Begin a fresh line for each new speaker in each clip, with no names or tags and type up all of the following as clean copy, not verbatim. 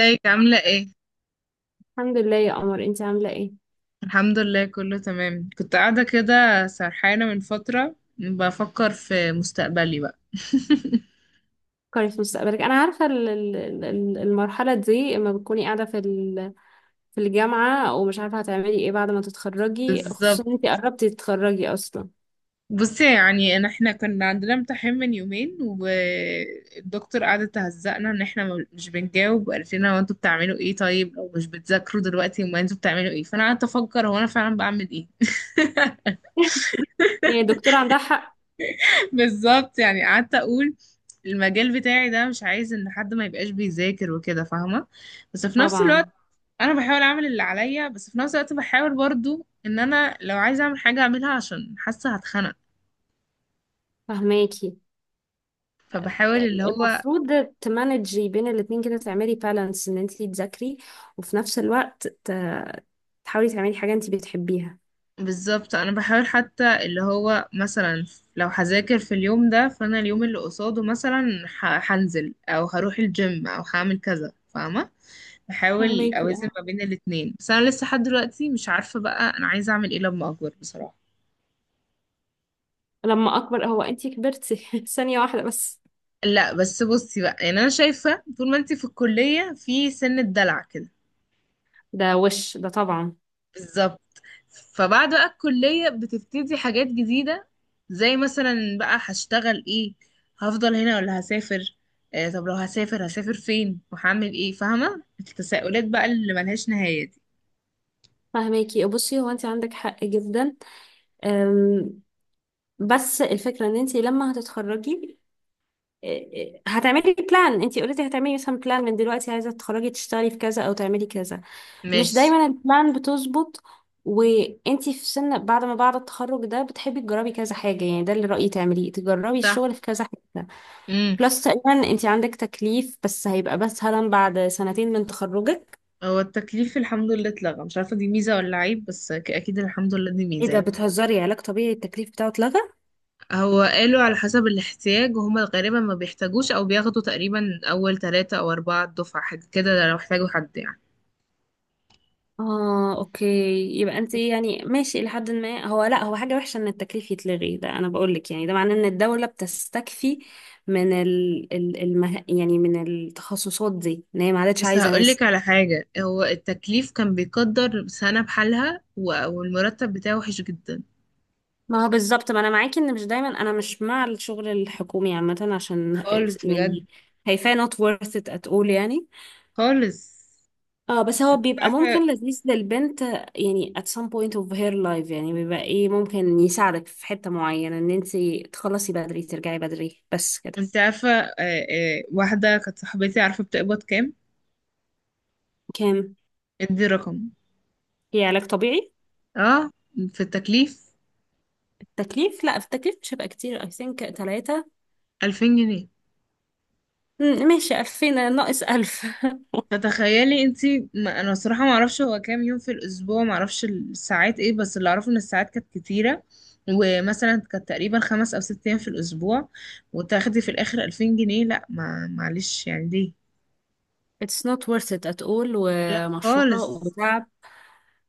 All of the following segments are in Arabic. ازيك عاملة ايه؟
الحمد لله يا قمر، انت عامله ايه؟
الحمد لله كله تمام. كنت قاعدة كده سرحانة من فترة بفكر في مستقبلي بقى.
فكري في مستقبلك. انا عارفه المرحله دي اما بتكوني قاعده في الجامعه ومش عارفه هتعملي ايه بعد ما تتخرجي،
بالظبط.
خصوصا انت قربتي تتخرجي اصلا.
بصي، يعني ان احنا كنا عندنا امتحان من يومين، والدكتور قعد تهزقنا ان احنا مش بنجاوب، وقالت لنا هو انتوا بتعملوا ايه طيب؟ او مش بتذاكروا دلوقتي؟ امال انتوا بتعملوا ايه؟ فانا قعدت افكر هو انا فعلا بعمل ايه.
يعني الدكتوره عندها حق
بالظبط. يعني قعدت اقول المجال بتاعي ده مش عايز ان حد ما يبقاش بيذاكر وكده، فاهمة؟ بس في نفس الوقت
طبعا.
انا بحاول اعمل اللي عليا، بس في نفس الوقت بحاول برضو ان انا لو عايزه اعمل حاجه اعملها، عشان حاسه هتخنق.
فهماكي.
فبحاول اللي هو
المفروض تمانجي بين الاتنين كده، تعملي بالانس ان انت تذاكري وفي نفس الوقت تحاولي تعملي حاجه انت بتحبيها.
بالظبط. انا بحاول حتى اللي هو مثلا لو هذاكر في اليوم ده، فانا اليوم اللي قصاده مثلا هنزل او هروح الجيم او هعمل كذا، فاهمه؟ بحاول
فهماكي
اوازن
اه.
ما بين الاتنين. بس انا لسه لحد دلوقتي مش عارفه بقى انا عايزه اعمل ايه لما اكبر، بصراحه.
لما اكبر؟ هو انت كبرتي؟ ثانيه واحده بس.
لا، بس بصي بقى. يعني انا شايفه طول ما انتي في الكليه في سن الدلع كده.
ده وش ده طبعا.
بالظبط. فبعد بقى الكلية بتبتدي حاجات جديدة، زي مثلا بقى هشتغل ايه؟ هفضل هنا ولا هسافر؟ آه، طب لو هسافر هسافر فين وهعمل ايه؟ فاهمة التساؤلات بقى اللي ملهاش نهاية دي.
فهماكي، بصي، هو انت عندك حق جدا. أم، بس الفكره ان انت لما هتتخرجي هتعملي بلان. انت اوريدي هتعملي مثلا بلان من دلوقتي، عايزه تتخرجي تشتغلي في كذا او تعملي كذا. مش
ماشي.
دايما البلان بتظبط. وانت في سن بعد ما بعد التخرج ده بتحبي تجربي كذا حاجه. يعني ده اللي رايي تعمليه، تجربي
صح.
الشغل في كذا حاجه.
امم.
بلس تقريبا انت عندك تكليف، بس هيبقى بس هلا بعد سنتين من تخرجك.
هو التكليف الحمد لله اتلغى. مش عارفة دي ميزة ولا عيب، بس اكيد الحمد لله دي
ايه
ميزة
ده؟
يعني.
بتهزري؟ علاج طبيعي التكليف بتاعه اتلغى؟
هو قالوا على حسب الاحتياج، وهما غالبا ما بيحتاجوش او بياخدوا تقريبا اول 3 او 4 دفعة حاجة كده لو احتاجوا حد يعني.
اه، اوكي. يبقى انت يعني ماشي الى حد ما. هو لا هو حاجه وحشه ان التكليف يتلغي، ده انا بقول لك. يعني ده معناه ان الدوله بتستكفي من ال ال المه... يعني من التخصصات دي، ان هي ما عادتش
بس
عايزه ناس.
هقولك على حاجة، هو التكليف كان بيقدر سنة بحالها، و- والمرتب بتاعه وحش جدا
ما هو بالظبط، ما انا معاكي. ان مش دايما، انا مش مع الشغل الحكومي عامه، عشان
خالص بجد
يعني هيفاه not worth it at all يعني.
خالص.
اه بس هو
انت
بيبقى
عارفة،
ممكن لذيذ للبنت يعني at some point of her life. يعني بيبقى ايه، ممكن يساعدك في حتة معينة، ان انتي تخلصي بدري ترجعي بدري، بس كده.
انت عارفة واحدة كانت صاحبتي عارفة بتقبض كام؟
كام؟
ادي رقم.
هي علاج طبيعي؟
اه، في التكليف.
التكليف؟ لا، في التكليف مش هيبقى كتير، I think 3.
2000 جنيه.
ماشي، 2000 ناقص 1000.
فتخيلي انتي، ما انا الصراحه ما اعرفش هو كام يوم في الاسبوع، ما اعرفش الساعات ايه، بس اللي اعرفه ان الساعات كانت كتيره، ومثلا كانت تقريبا 5 او 6 ايام في الاسبوع، وتاخدي في الاخر 2000 جنيه. لا، ما معلش يعني، ليه؟
it's not worth it at all
لا
ومشورة
خالص.
وتعب.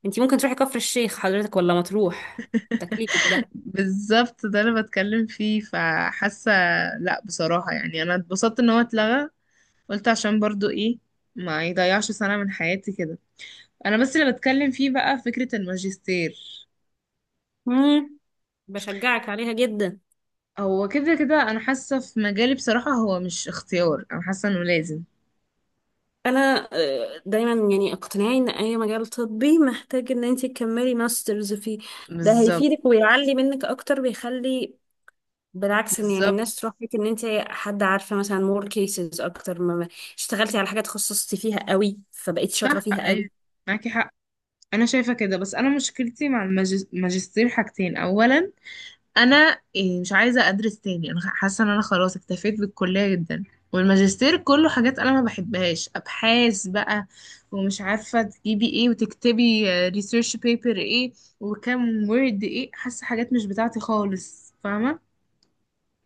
انتي ممكن تروحي كفر الشيخ حضرتك، ولا مطروح تكليفك ده.
بالظبط، ده اللي بتكلم فيه، فحاسه لا بصراحه يعني انا اتبسطت ان هو اتلغى. قلت عشان برضو ايه، ما يضيعش سنه من حياتي كده. انا بس اللي بتكلم فيه بقى فكره الماجستير.
مم. بشجعك عليها جدا.
هو كده كده انا حاسه في مجالي بصراحه هو مش اختيار، انا حاسه انه لازم.
انا دايما يعني اقتناعي ان اي مجال طبي محتاج ان انت تكملي ماسترز فيه. ده
بالظبط.
هيفيدك ويعلي منك اكتر، بيخلي بالعكس، ان يعني
بالظبط.
الناس تروح لك ان انت حد عارفه مثلا، مور كيسز اكتر. ما اشتغلتي على حاجه تخصصتي فيها قوي، فبقيتي شاطره
صح.
فيها قوي.
ايوه، معاكي حق. انا شايفه كده، بس انا مشكلتي مع الماجستير حاجتين. اولا، انا مش عايزه ادرس تاني، انا حاسه ان انا خلاص اكتفيت بالكليه جدا. والماجستير كله حاجات انا ما بحبهاش، ابحاث بقى، ومش عارفه تجيبي ايه وتكتبي ريسيرش بيبر ايه وكام وورد ايه، حاسه حاجات مش بتاعتي خالص، فاهمه؟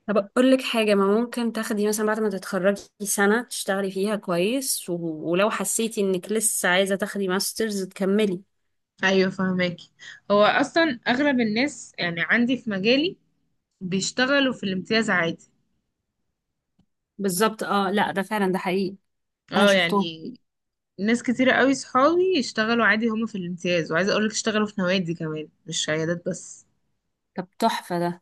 طب اقول لك حاجه، ما ممكن تاخدي مثلا بعد ما تتخرجي سنه تشتغلي فيها كويس و... ولو حسيتي انك لسه عايزه تاخدي ماسترز تكملي.
ايوه، فهمك. هو اصلا اغلب الناس يعني عندي في مجالي بيشتغلوا في الامتياز عادي.
بالظبط، اه لا ده فعلا، ده حقيقي. انا
اه
شفتهم.
يعني ناس كتيرة قوي، صحابي يشتغلوا عادي هما في الامتياز، وعايزه اقولك اشتغلوا في نوادي كمان مش عيادات بس.
طب تحفه ده.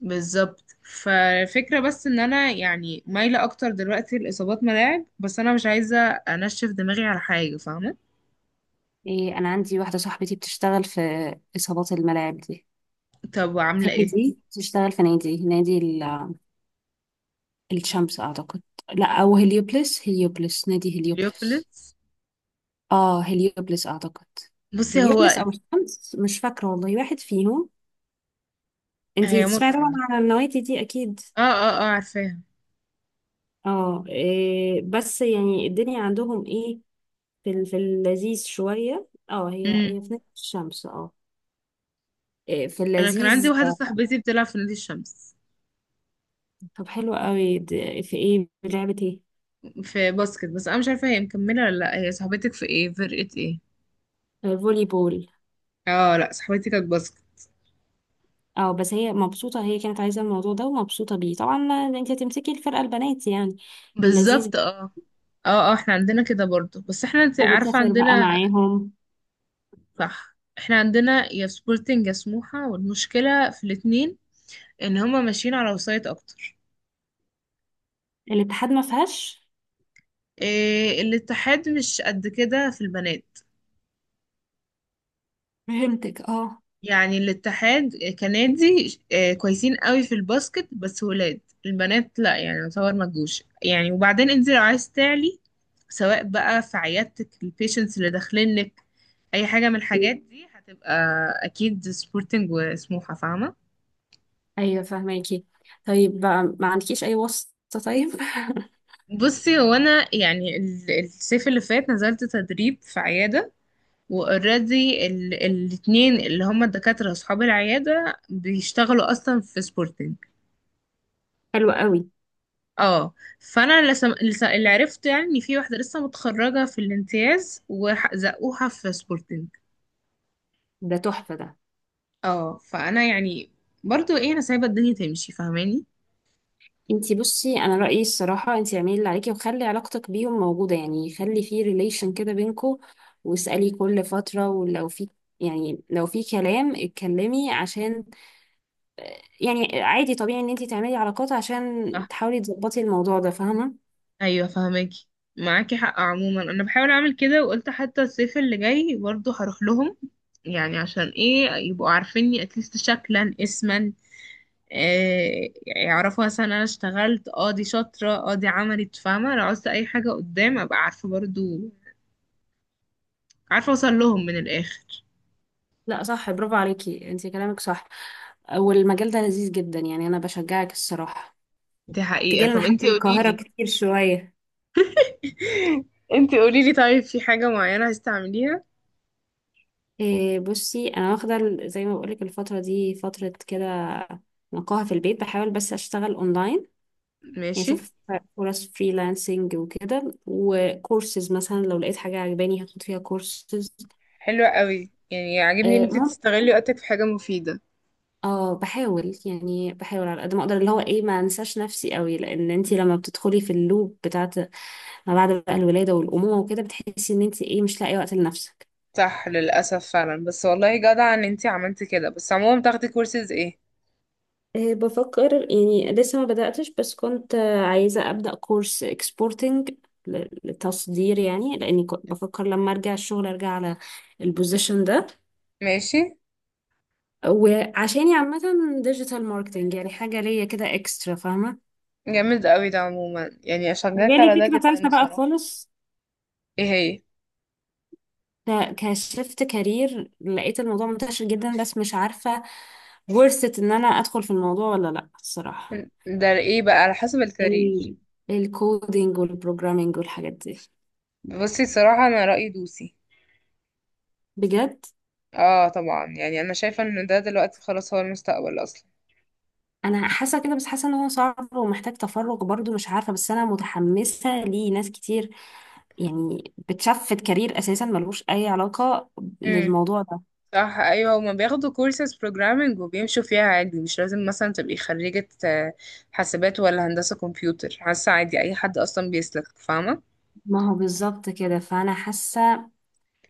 بالظبط. فالفكرة بس ان انا يعني مايلة اكتر دلوقتي لاصابات ملاعب، بس انا مش عايزة انشف دماغي على حاجة، فاهمة؟
إيه، أنا عندي واحدة صاحبتي بتشتغل في إصابات الملاعب دي.
طب
في
وعاملة ايه؟
نادي، بتشتغل في نادي، نادي الشمس أعتقد. لا أو هليوبلس، هليوبلس، نادي هليوبلس.
اليوبلتس.
آه هليوبلس أعتقد.
بصي هو.
هليوبلس أو الشمس مش فاكرة والله، واحد فيهم. انتي
هي
تسمعي طبعا
متعة.
عن النوادي دي أكيد.
اه، اه، اه، عارفاها.
اه إيه، بس يعني الدنيا عندهم ايه، في اللذيذ شوية. اه، هي
مم.
هي في نادي الشمس اه. إيه، في
انا كان عندي
اللذيذ.
واحده صاحبتي بتلعب في نادي الشمس
طب حلو قوي، في ايه، لعبة ايه؟
في باسكت، بس انا مش عارفه هي مكمله ولا لا. هي صاحبتك في ايه؟ فرقه ايه؟
فولي بول.
اه، لا، صاحبتي كانت باسكت.
اه بس هي مبسوطة، هي كانت عايزة الموضوع ده ومبسوطة بيه طبعا. انت هتمسكي الفرقة، البنات يعني. لذيذ.
بالظبط. اه. اه، اه، احنا عندنا كده برضو، بس احنا انت عارفه
وبتسافر بقى
عندنا.
معاهم؟
صح، احنا عندنا يا سبورتنج يا سموحه، والمشكله في الاتنين ان هما ماشيين على وسايط اكتر.
الاتحاد ما فيهاش؟
إيه، الاتحاد مش قد كده في البنات.
فهمتك اه.
يعني الاتحاد كنادي كويسين قوي في الباسكت، بس ولاد. البنات لا يعني يعتبر ما تجوش يعني. وبعدين انت لو عايز تعلي، سواء بقى في عيادتك البيشنتس اللي داخلين لك، اي حاجه من الحاجات دي هتبقى اكيد سبورتنج وسموحه، فاهمه؟
ايوه فهماكي. طيب بقى ما عندكيش اي واسطة طيب؟
بصي هو انا يعني الصيف اللي فات نزلت تدريب في عياده، واوريدي الاتنين اللي هما الدكاتره اصحاب العياده بيشتغلوا اصلا في سبورتنج.
حلو قوي.
اه. فانا لسه اللي عرفته يعني ان في واحده لسه متخرجه في الامتياز وزقوها في سبورتنج.
ده تحفة ده.
اه، فانا يعني برضو ايه، انا سايبه الدنيا تمشي، فاهماني؟
انتي بصي، انا رأيي الصراحة انتي اعملي اللي عليكي، وخلي علاقتك بيهم موجودة. يعني خلي في ريليشن كده بينكوا، واسألي كل فترة، ولو في يعني لو في كلام اتكلمي. عشان يعني عادي طبيعي ان انت تعملي علاقات عشان
صح.
تحاولي تظبطي الموضوع ده، فاهمة؟
ايوه، فاهماكي، معاكي حق. عموما انا بحاول اعمل كده، وقلت حتى الصيف اللي جاي برضو هروح لهم، يعني عشان ايه، يبقوا عارفيني اتليست شكلا اسما. آه، يعرفوا مثلا انا اشتغلت، دي شاطره، دي عملت، فاهمه؟ لو عاوزت اي حاجه قدام ابقى عارفه برضو، عارفة اوصل لهم من الاخر.
لا صح، برافو عليكي، انت كلامك صح. والمجال ده لذيذ جدا، يعني انا بشجعك الصراحة.
دي حقيقة.
تجيلنا
طب
حتى
انتي
من القاهرة
قوليلي،
كتير شوية.
انتي قوليلي، طيب في حاجة معينة هستعمليها؟
إيه بصي، انا واخدة زي ما بقولك الفترة دي فترة كده نقاهة في البيت. بحاول بس اشتغل اونلاين، يعني
ماشي.
اشوف فرص فريلانسنج وكده، وكورسز مثلا لو لقيت حاجة عجباني هاخد فيها كورسز.
حلوة قوي، يعني عاجبني ان انتي تستغلي وقتك في حاجة مفيدة.
اه بحاول، يعني بحاول على قد ما اقدر، اللي هو ايه، ما انساش نفسي قوي، لان انت لما بتدخلي في اللوب بتاعت ما بعد بقى الولاده والامومه وكده، بتحسي ان انت ايه مش لاقي وقت لنفسك.
صح، للأسف فعلا، بس والله جدع ان انتي عملتي كده. بس عموما بتاخدي كورسز ايه؟
بفكر يعني، لسه ما بداتش، بس كنت عايزه ابدا كورس اكسبورتنج، للتصدير يعني، لاني كنت بفكر لما ارجع الشغل ارجع على البوزيشن ده.
ماشي.
وعشاني عامه ديجيتال ماركتنج، يعني حاجه ليا كده اكسترا، فاهمه؟
جامد قوي ده، عموما يعني اشجعك
وجالي
على ده
فكره
جدا
ثالثه بقى
بصراحة.
خالص،
ايه هي؟
فكشفت كارير لقيت الموضوع منتشر جدا، بس مش عارفة ورثة ان انا ادخل في الموضوع ولا لا الصراحة.
ده ايه بقى على حسب الكارير؟
ال... الكودينج والبروجرامينج والحاجات دي.
بصي صراحة، انا رأيي دوسي.
بجد؟
اه طبعا، يعني انا شايفة ان ده دلوقتي خلاص هو المستقبل اصلا.
انا حاسة كده، بس حاسة ان هو صعب ومحتاج تفرغ برضو مش عارفة. بس انا متحمسة ليه، ناس كتير يعني بتشفت كارير اساسا ملوش اي علاقة للموضوع ده.
صح، ايوه هما بياخدوا كورسز بروجرامنج وبيمشوا فيها عادي. مش لازم مثلا تبقي خريجة حاسبات ولا هندسة كمبيوتر، حاسة عادي اي حد اصلا بيسلك، فاهمة؟
ما هو بالظبط كده، فانا حاسة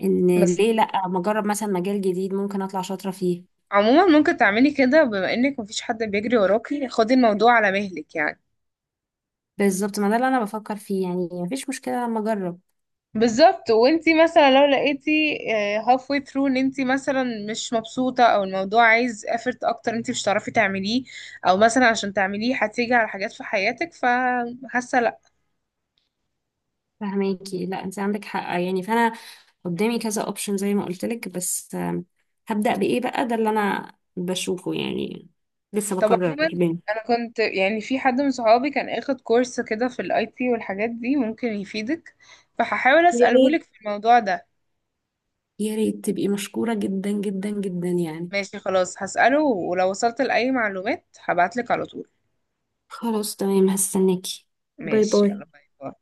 ان
بس
ليه لا، ما اجرب مثلا مجال جديد، ممكن اطلع شاطرة فيه.
عموما ممكن تعملي كده، بما انك مفيش حد بيجري وراكي خدي الموضوع على مهلك يعني.
بالظبط، ما ده اللي انا بفكر فيه، يعني مفيش مشكله لما اجرب.
بالظبط. وانتي مثلا لو لقيتي هاف واي ثرو ان انتي مثلا مش مبسوطة، او الموضوع عايز effort اكتر انتي مش هتعرفي تعمليه، او مثلا عشان تعمليه هتيجي على حاجات في حياتك، فحاسة لا.
فهماكي، لا انت عندك حق يعني. فانا قدامي كذا اوبشن زي ما قلت لك، بس هبدا بايه بقى، ده اللي انا بشوفه يعني. لسه
طب
بقرر
عموما،
بين.
انا كنت يعني في حد من صحابي كان اخد كورس كده في الاي تي والحاجات دي، ممكن يفيدك، فهحاول
يا
اساله
ريت،
لك في الموضوع ده.
يا ريت، تبقي مشكوره جدا جدا جدا يعني.
ماشي خلاص، هساله، ولو وصلت لاي معلومات هبعت لك على طول.
خلاص تمام، هستناكي. باي
ماشي.
باي.
يلا، باي باي.